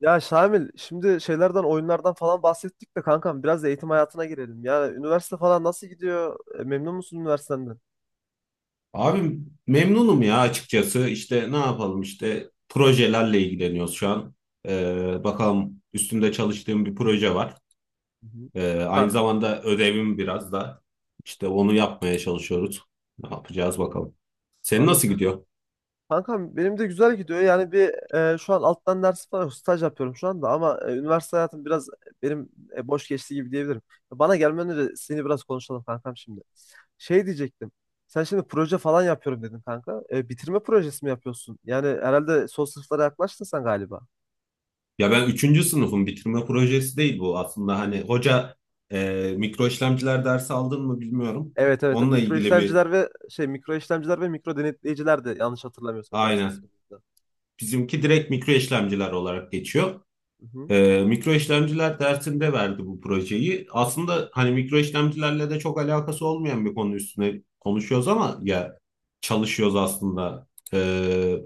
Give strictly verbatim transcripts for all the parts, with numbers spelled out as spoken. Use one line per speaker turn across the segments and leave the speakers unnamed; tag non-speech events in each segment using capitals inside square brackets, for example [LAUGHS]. Ya Şamil, şimdi şeylerden, oyunlardan falan bahsettik de kankam biraz da eğitim hayatına girelim. Yani üniversite falan nasıl gidiyor? E, Memnun musun üniversitenden?
Abi memnunum ya açıkçası. İşte ne yapalım işte projelerle ilgileniyoruz şu an. Ee, bakalım üstünde çalıştığım bir proje var.
Hı hı.
Ee, aynı
Ka
zamanda ödevim biraz da işte onu yapmaya çalışıyoruz. Ne yapacağız bakalım. Senin nasıl
anladım.
gidiyor?
Kankam benim de güzel gidiyor. Yani bir e, şu an alttan ders falan yok. Staj yapıyorum şu anda ama e, üniversite hayatım biraz benim e, boş geçti gibi diyebilirim. Bana gelmeden önce seni biraz konuşalım kankam şimdi. Şey diyecektim. Sen şimdi proje falan yapıyorum dedin kanka. E, bitirme projesi mi yapıyorsun? Yani herhalde son sınıflara yaklaştın sen galiba.
Ya ben üçüncü sınıfım, bitirme projesi değil bu aslında. Hani hoca e, mikro işlemciler dersi aldın mı bilmiyorum.
Evet evet, tabii.
Onunla
Mikro
ilgili bir,
işlemciler ve şey mikro işlemciler ve mikro denetleyiciler de yanlış hatırlamıyorsam dersin ismi
aynen,
de.
bizimki direkt mikro işlemciler olarak geçiyor.
Hı hı.
E, mikro işlemciler dersinde verdi bu projeyi. Aslında hani mikro işlemcilerle de çok alakası olmayan bir konu üstüne konuşuyoruz ama ya, çalışıyoruz aslında. E,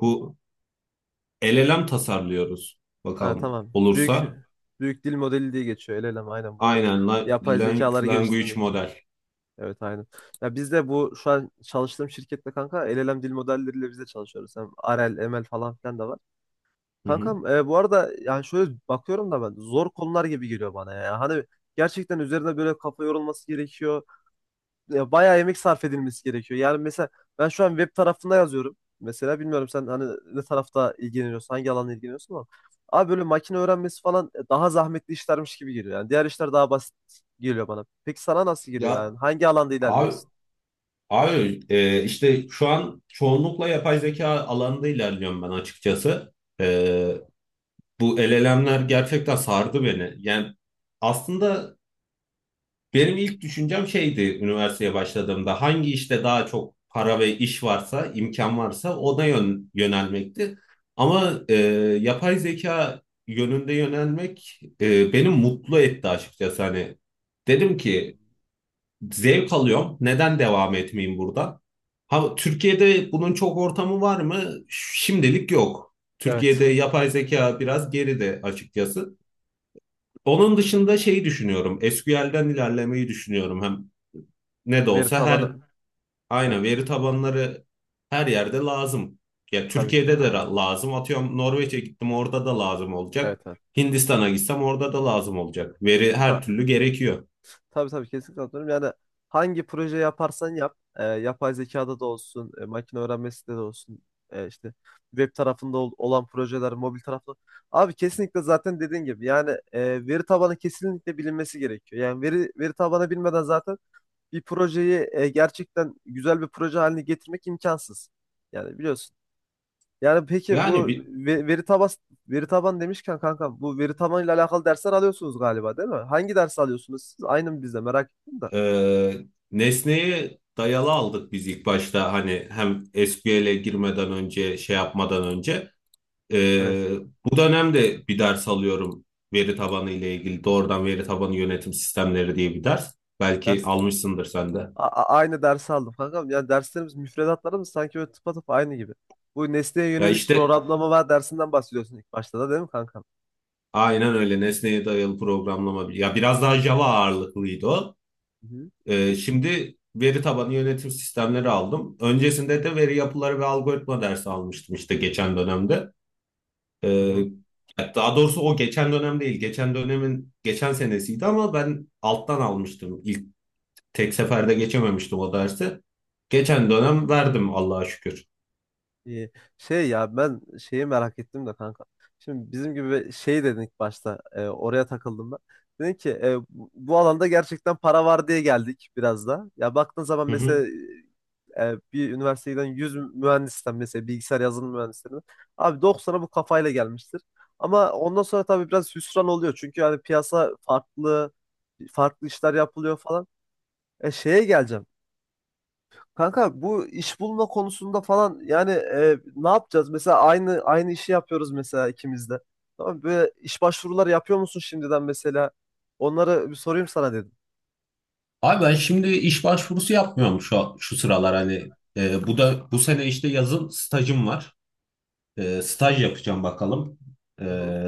bu L L M tasarlıyoruz,
Ha,
bakalım
tamam. Büyük
olursa.
büyük dil modeli diye geçiyor. El elem aynen bu
Aynen la-
yapay
lang-
zekaları
language
geliştirmek için.
model.
Evet aynen. Ya biz de bu şu an çalıştığım şirkette kanka el elem dil modelleriyle biz de çalışıyoruz. Hem R L, M L falan filan da var.
Hı hı.
Kankam e, bu arada yani şöyle bakıyorum da ben zor konular gibi geliyor bana ya. Hani gerçekten üzerine böyle kafa yorulması gerekiyor. E, bayağı emek sarf edilmesi gerekiyor. Yani mesela ben şu an web tarafında yazıyorum. Mesela bilmiyorum sen hani ne tarafta ilgileniyorsun, hangi alanla ilgileniyorsun ama abi böyle makine öğrenmesi falan e, daha zahmetli işlermiş gibi geliyor. Yani diğer işler daha basit geliyor bana. Peki sana nasıl geliyor
Ya
yani? Hangi alanda
Abi,
ilerliyorsun?
abi e, işte şu an çoğunlukla yapay zeka alanında ilerliyorum ben açıkçası. E, bu L L M'ler gerçekten sardı beni. Yani aslında benim ilk düşüncem şeydi üniversiteye başladığımda, hangi işte daha çok para ve iş varsa, imkan varsa ona yön, yönelmekti. Ama e, yapay zeka yönünde yönelmek e, beni mutlu etti açıkçası. Hani dedim ki, zevk alıyorum, neden devam etmeyeyim burada? Ha, Türkiye'de bunun çok ortamı var mı? Şimdilik yok.
Evet.
Türkiye'de yapay zeka biraz geride açıkçası. Onun dışında şeyi düşünüyorum, S Q L'den ilerlemeyi düşünüyorum. Hem ne de
Veri
olsa
tabanı.
her,
Evet.
aynen, veri tabanları her yerde lazım. Ya
Tabii ki.
Türkiye'de de
Aynen.
ra- lazım. Atıyorum Norveç'e gittim, orada da lazım
Evet
olacak.
evet.
Hindistan'a gitsem orada da lazım olacak. Veri her
Ta-
türlü gerekiyor.
Tabii tabii, kesinlikle katılıyorum. Yani hangi proje yaparsan yap, e, yapay zekada da olsun, e, makine öğrenmesi de olsun, e, işte web tarafında ol- olan projeler, mobil tarafında. Abi kesinlikle zaten dediğin gibi yani e, veri tabanı kesinlikle bilinmesi gerekiyor. Yani veri veri tabanı bilmeden zaten bir projeyi e, gerçekten güzel bir proje haline getirmek imkansız. Yani biliyorsun. Yani peki
Yani
bu
bi-
ve- veri taban veri taban demişken kanka bu veri tabanıyla alakalı dersler alıyorsunuz galiba değil mi? Hangi ders alıyorsunuz siz? Aynı mı bizde, merak ettim de.
Ee, nesneyi dayalı aldık biz ilk başta, hani hem S Q L'e girmeden önce, şey yapmadan önce.
Evet.
Ee, bu dönemde bir ders alıyorum veri tabanı ile ilgili, doğrudan veri tabanı yönetim sistemleri diye bir ders. Belki
Ders.
almışsındır sen de.
A- a- aynı dersi aldım kankam. Ya derslerimiz, müfredatlarımız sanki böyle tıpatıp aynı gibi. Bu nesneye
Ya
yönelik
işte
programlama dersinden bahsediyorsun ilk başta da değil mi kankam?
aynen öyle, nesneye dayalı programlama. Ya biraz daha Java ağırlıklıydı o.
Hı hı.
Ee, şimdi veri tabanı yönetim sistemleri aldım. Öncesinde de veri yapıları ve algoritma dersi almıştım işte geçen dönemde.
Hı
Ee,
hı.
daha doğrusu o geçen dönem değil, geçen dönemin geçen senesiydi, ama ben alttan almıştım. İlk tek seferde geçememiştim o dersi. Geçen dönem verdim Allah'a şükür.
İyi. Şey ya ben şeyi merak ettim de kanka. Şimdi bizim gibi şey dedin ilk başta, e, oraya takıldım ben. Dedin ki e, bu bu alanda gerçekten para var diye geldik biraz da. Ya baktığın zaman
Hı hı.
mesela e, bir üniversiteden yüz mühendisten, mesela bilgisayar yazılım mühendislerinden abi doksana bu kafayla gelmiştir. Ama ondan sonra tabii biraz hüsran oluyor çünkü yani piyasa farklı farklı işler yapılıyor falan. E şeye geleceğim. Kanka bu iş bulma konusunda falan yani e, ne yapacağız? Mesela aynı aynı işi yapıyoruz mesela ikimiz de. Tamam mı? Böyle iş başvuruları yapıyor musun şimdiden mesela? Onları bir sorayım sana dedim.
Abi ben şimdi iş başvurusu yapmıyorum şu şu sıralar, hani e, bu da, bu sene işte yazın stajım var. E, staj yapacağım bakalım. E,
Hı hı.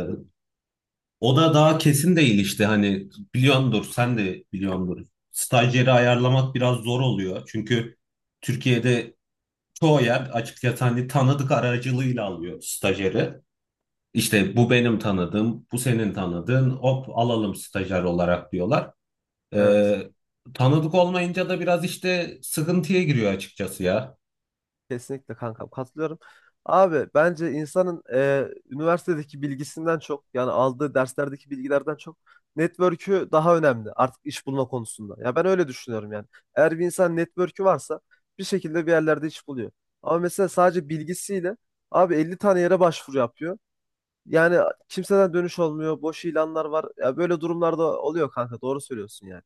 o da daha kesin değil işte, hani biliyordur, sen de biliyordur. Stajyeri ayarlamak biraz zor oluyor. Çünkü Türkiye'de çoğu yer açıkçası hani tanıdık aracılığıyla alıyor stajyeri. İşte bu benim tanıdığım, bu senin tanıdığın, hop alalım stajyer olarak, diyorlar.
Evet.
Ee, tanıdık olmayınca da biraz işte sıkıntıya giriyor açıkçası ya.
Kesinlikle kankam katılıyorum. Abi bence insanın e, üniversitedeki bilgisinden çok, yani aldığı derslerdeki bilgilerden çok, network'ü daha önemli artık iş bulma konusunda. Ya ben öyle düşünüyorum yani. Eğer bir insan network'ü varsa bir şekilde bir yerlerde iş buluyor. Ama mesela sadece bilgisiyle abi elli tane yere başvuru yapıyor. Yani kimseden dönüş olmuyor. Boş ilanlar var. Ya böyle durumlarda oluyor kanka, doğru söylüyorsun yani.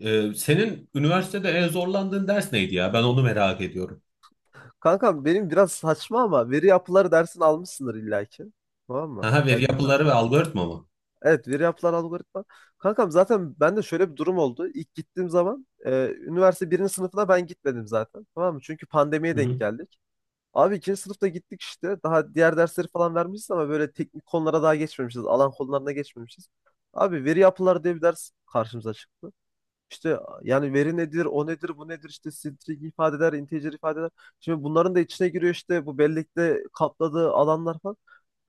Ee, senin üniversitede en zorlandığın ders neydi ya? Ben onu merak ediyorum.
Kankam benim biraz saçma ama veri yapıları dersini almışsındır illaki. Tamam mı?
Aha, veri
Ya bilmem.
yapıları ve algoritma mı?
Evet, veri yapılan algoritma. Kankam zaten bende şöyle bir durum oldu. İlk gittiğim zaman e, üniversite birinci sınıfına ben gitmedim zaten. Tamam mı? Çünkü pandemiye
Hı
denk
hı.
geldik. Abi ikinci sınıfta gittik işte. Daha diğer dersleri falan vermişiz ama böyle teknik konulara daha geçmemişiz. Alan konularına geçmemişiz. Abi veri yapılar diye bir ders karşımıza çıktı. İşte yani veri nedir, o nedir, bu nedir, işte string ifadeler, integer ifadeler. Şimdi bunların da içine giriyor işte bu bellekte kapladığı alanlar falan.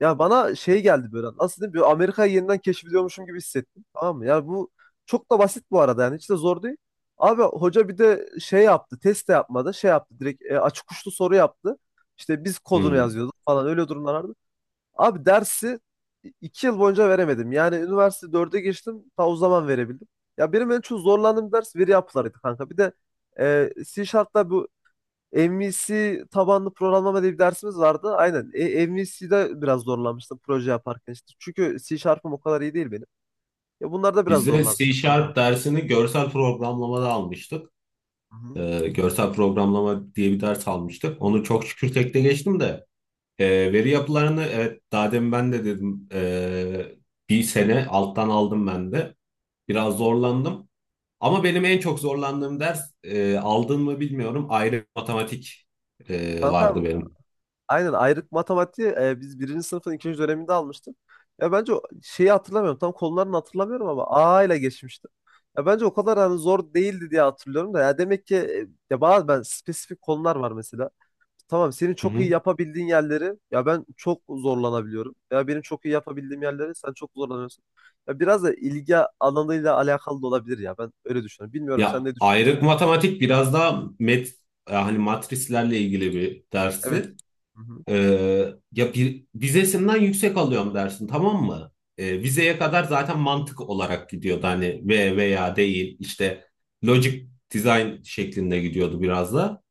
Ya bana şey geldi böyle. Nasıl diyeyim? Böyle Amerika'yı yeniden keşfediyormuşum gibi hissettim. Tamam mı? Yani bu çok da basit bu arada, yani hiç de zor değil. Abi hoca bir de şey yaptı. Test de yapmadı. Şey yaptı. Direkt e, açık uçlu soru yaptı. İşte biz kodunu
Hmm.
yazıyorduk falan, öyle durumlar. Abi dersi iki yıl boyunca veremedim. Yani üniversite dörde geçtim. Ta o zaman verebildim. Ya benim en çok zorlandığım ders veri yapılarıydı kanka. Bir de e, C Sharp'ta bu M V C tabanlı programlama diye bir dersimiz vardı. Aynen. E, M V C'de biraz zorlanmıştım proje yaparken işte. Çünkü C Sharp'ım o kadar iyi değil benim. Ya bunlarda biraz
Biz de C
zorlanmıştım kanka.
Sharp dersini görsel programlamada almıştık. Ee, görsel programlama diye bir ders almıştık. Onu çok şükür tekte geçtim de. Ee, veri yapılarını, evet, daha demin ben de dedim, ee, bir sene alttan aldım ben de. Biraz zorlandım. Ama benim en çok zorlandığım ders, e, aldın mı bilmiyorum, ayrı matematik e,
Hı-hı.
vardı benim.
Aynen, ayrık matematiği e, biz birinci sınıfın ikinci döneminde almıştık. Ya bence o- şeyi hatırlamıyorum. Tam konularını hatırlamıyorum ama A ile geçmiştim. Ya bence o kadar hani zor değildi diye hatırlıyorum da. Ya demek ki e, ya bazı ben spesifik konular var mesela. Tamam, senin
Hı
çok iyi
hı.
yapabildiğin yerleri ya ben çok zorlanabiliyorum. Ya benim çok iyi yapabildiğim yerleri sen çok zorlanıyorsun. Ya biraz da ilgi alanıyla alakalı da olabilir ya. Ben öyle düşünüyorum. Bilmiyorum sen
Ya
ne düşünüyorsun?
ayrık matematik biraz daha met yani matrislerle ilgili bir
Evet.
dersti.
Hı hı.
Ee, ya bir, vizesinden yüksek alıyorum dersin, tamam mı? Ee, vizeye kadar zaten mantık olarak gidiyordu, hani ve, veya, değil, işte logic design şeklinde gidiyordu biraz da.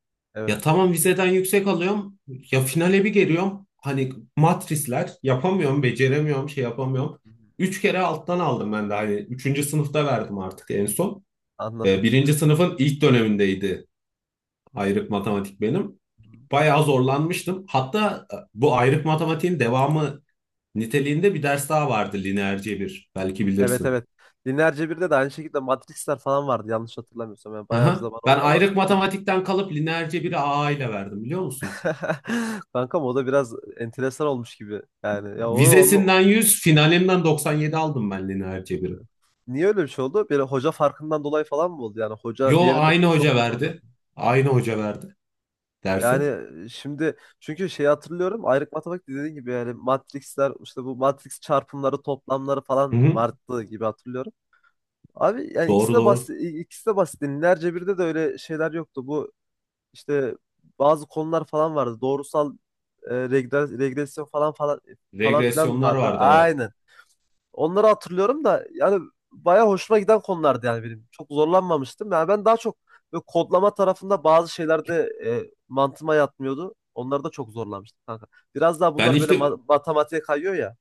Ya
Evet.
tamam vizeden yüksek alıyorum, ya finale bir geliyorum, hani matrisler yapamıyorum, beceremiyorum, şey yapamıyorum.
Hı hı.
Üç kere alttan aldım ben de, hani üçüncü sınıfta verdim artık en son.
Anladım.
Ee, birinci sınıfın ilk dönemindeydi ayrık matematik benim. Bayağı zorlanmıştım. Hatta e, bu ayrık matematiğin devamı niteliğinde bir ders daha vardı, lineer cebir. Belki
Evet
bilirsin.
evet. Lineer Cebir'de de aynı şekilde Matrix'ler falan vardı yanlış hatırlamıyorsam. Yani bayağı bir
Aha.
zaman oldu
Ben
ama.
ayrık matematikten kalıp lineer cebiri A A ile verdim biliyor musun?
[LAUGHS] Kankam o da biraz enteresan olmuş gibi. Yani ya onu, onu
Vizesinden yüz, finalinden doksan yedi aldım ben lineer cebiri.
niye öyle bir şey oldu? Bir hoca farkından dolayı falan mı oldu? Yani hoca
Yo,
diğerine
aynı
çok
hoca
mu zorladı?
verdi. Aynı hoca verdi
Yani
dersi.
e, şimdi çünkü şeyi hatırlıyorum. Ayrık matematik dediğin gibi yani Matrix'ler işte bu Matrix çarpımları toplamları
Hı
falan
hı.
vardı gibi hatırlıyorum. Abi yani ikisi
Doğru
de
doğru.
basit, ikisi de basit. Lineer Cebir'de de öyle şeyler yoktu. Bu İşte bazı konular falan vardı. Doğrusal e, regre- regresyon falan falan falan filan
Regresyonlar
vardı.
vardı evet.
Aynen. Onları hatırlıyorum da yani bayağı hoşuma giden konulardı yani benim. Çok zorlanmamıştım. Yani ben daha çok böyle kodlama tarafında bazı şeylerde e, mantığıma yatmıyordu. Onları da çok zorlanmıştım kanka. Biraz daha
Ben
bunlar böyle
işte
ma- matematiğe kayıyor ya.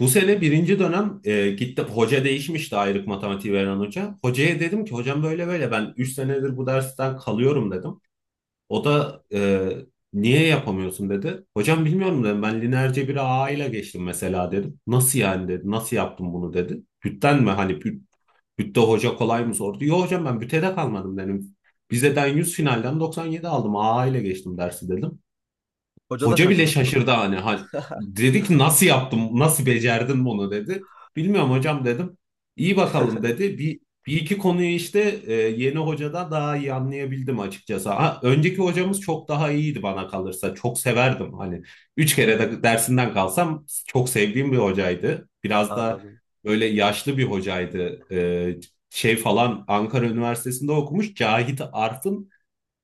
bu sene birinci dönem e, gitti, hoca değişmişti, ayrık matematiği veren hoca. Hocaya dedim ki, hocam böyle böyle, ben üç senedir bu dersten kalıyorum dedim. O da e, niye yapamıyorsun dedi. Hocam bilmiyorum dedim, ben lineer cebiri A ile geçtim mesela dedim. Nasıl yani dedi, nasıl yaptım bunu dedi. Bütten mi, hani büt, bütte hoca kolay mı sordu. Yok hocam, ben bütte de kalmadım dedim. Vizeden yüz, finalden doksan yedi aldım, A ile geçtim dersi dedim.
Hoca da
Hoca bile
şaşırmıştır.
şaşırdı hani. Hani dedi ki nasıl yaptım, nasıl becerdin bunu dedi. Bilmiyorum hocam dedim. İyi bakalım dedi. Bir, bir iki konuyu işte e, yeni hocada daha iyi anlayabildim açıkçası. Ha, önceki
Aynen.
hocamız çok daha iyiydi bana kalırsa. Çok severdim hani. Üç
Hı
kere
hı.
de dersinden kalsam çok sevdiğim bir hocaydı. Biraz da
Anladım.
böyle yaşlı bir hocaydı. E, şey falan Ankara Üniversitesi'nde okumuş. Cahit Arf'ın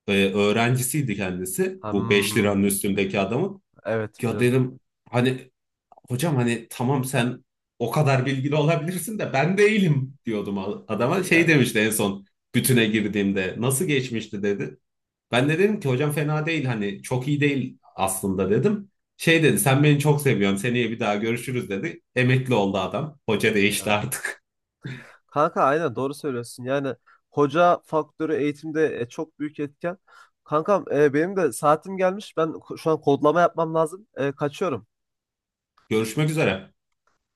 e, öğrencisiydi kendisi. Bu beş liranın
Hmm.
üstündeki adamın.
Evet
Ya
biliyorum.
dedim hani, hocam hani tamam, sen o kadar bilgili olabilirsin de ben değilim, diyordum a- adama.
Ee,
Şey
Yani.
demişti en son, bütüne girdiğimde nasıl geçmişti dedi. Ben de dedim ki, hocam fena değil, hani çok iyi değil aslında dedim. Şey dedi, sen beni çok seviyorsun, seneye bir daha görüşürüz dedi. Emekli oldu adam. Hoca değişti artık.
Kanka aynen doğru söylüyorsun. Yani hoca faktörü eğitimde e, çok büyük etken. Kankam e, benim de saatim gelmiş. Ben ko- şu an kodlama yapmam lazım. E, kaçıyorum.
Görüşmek üzere.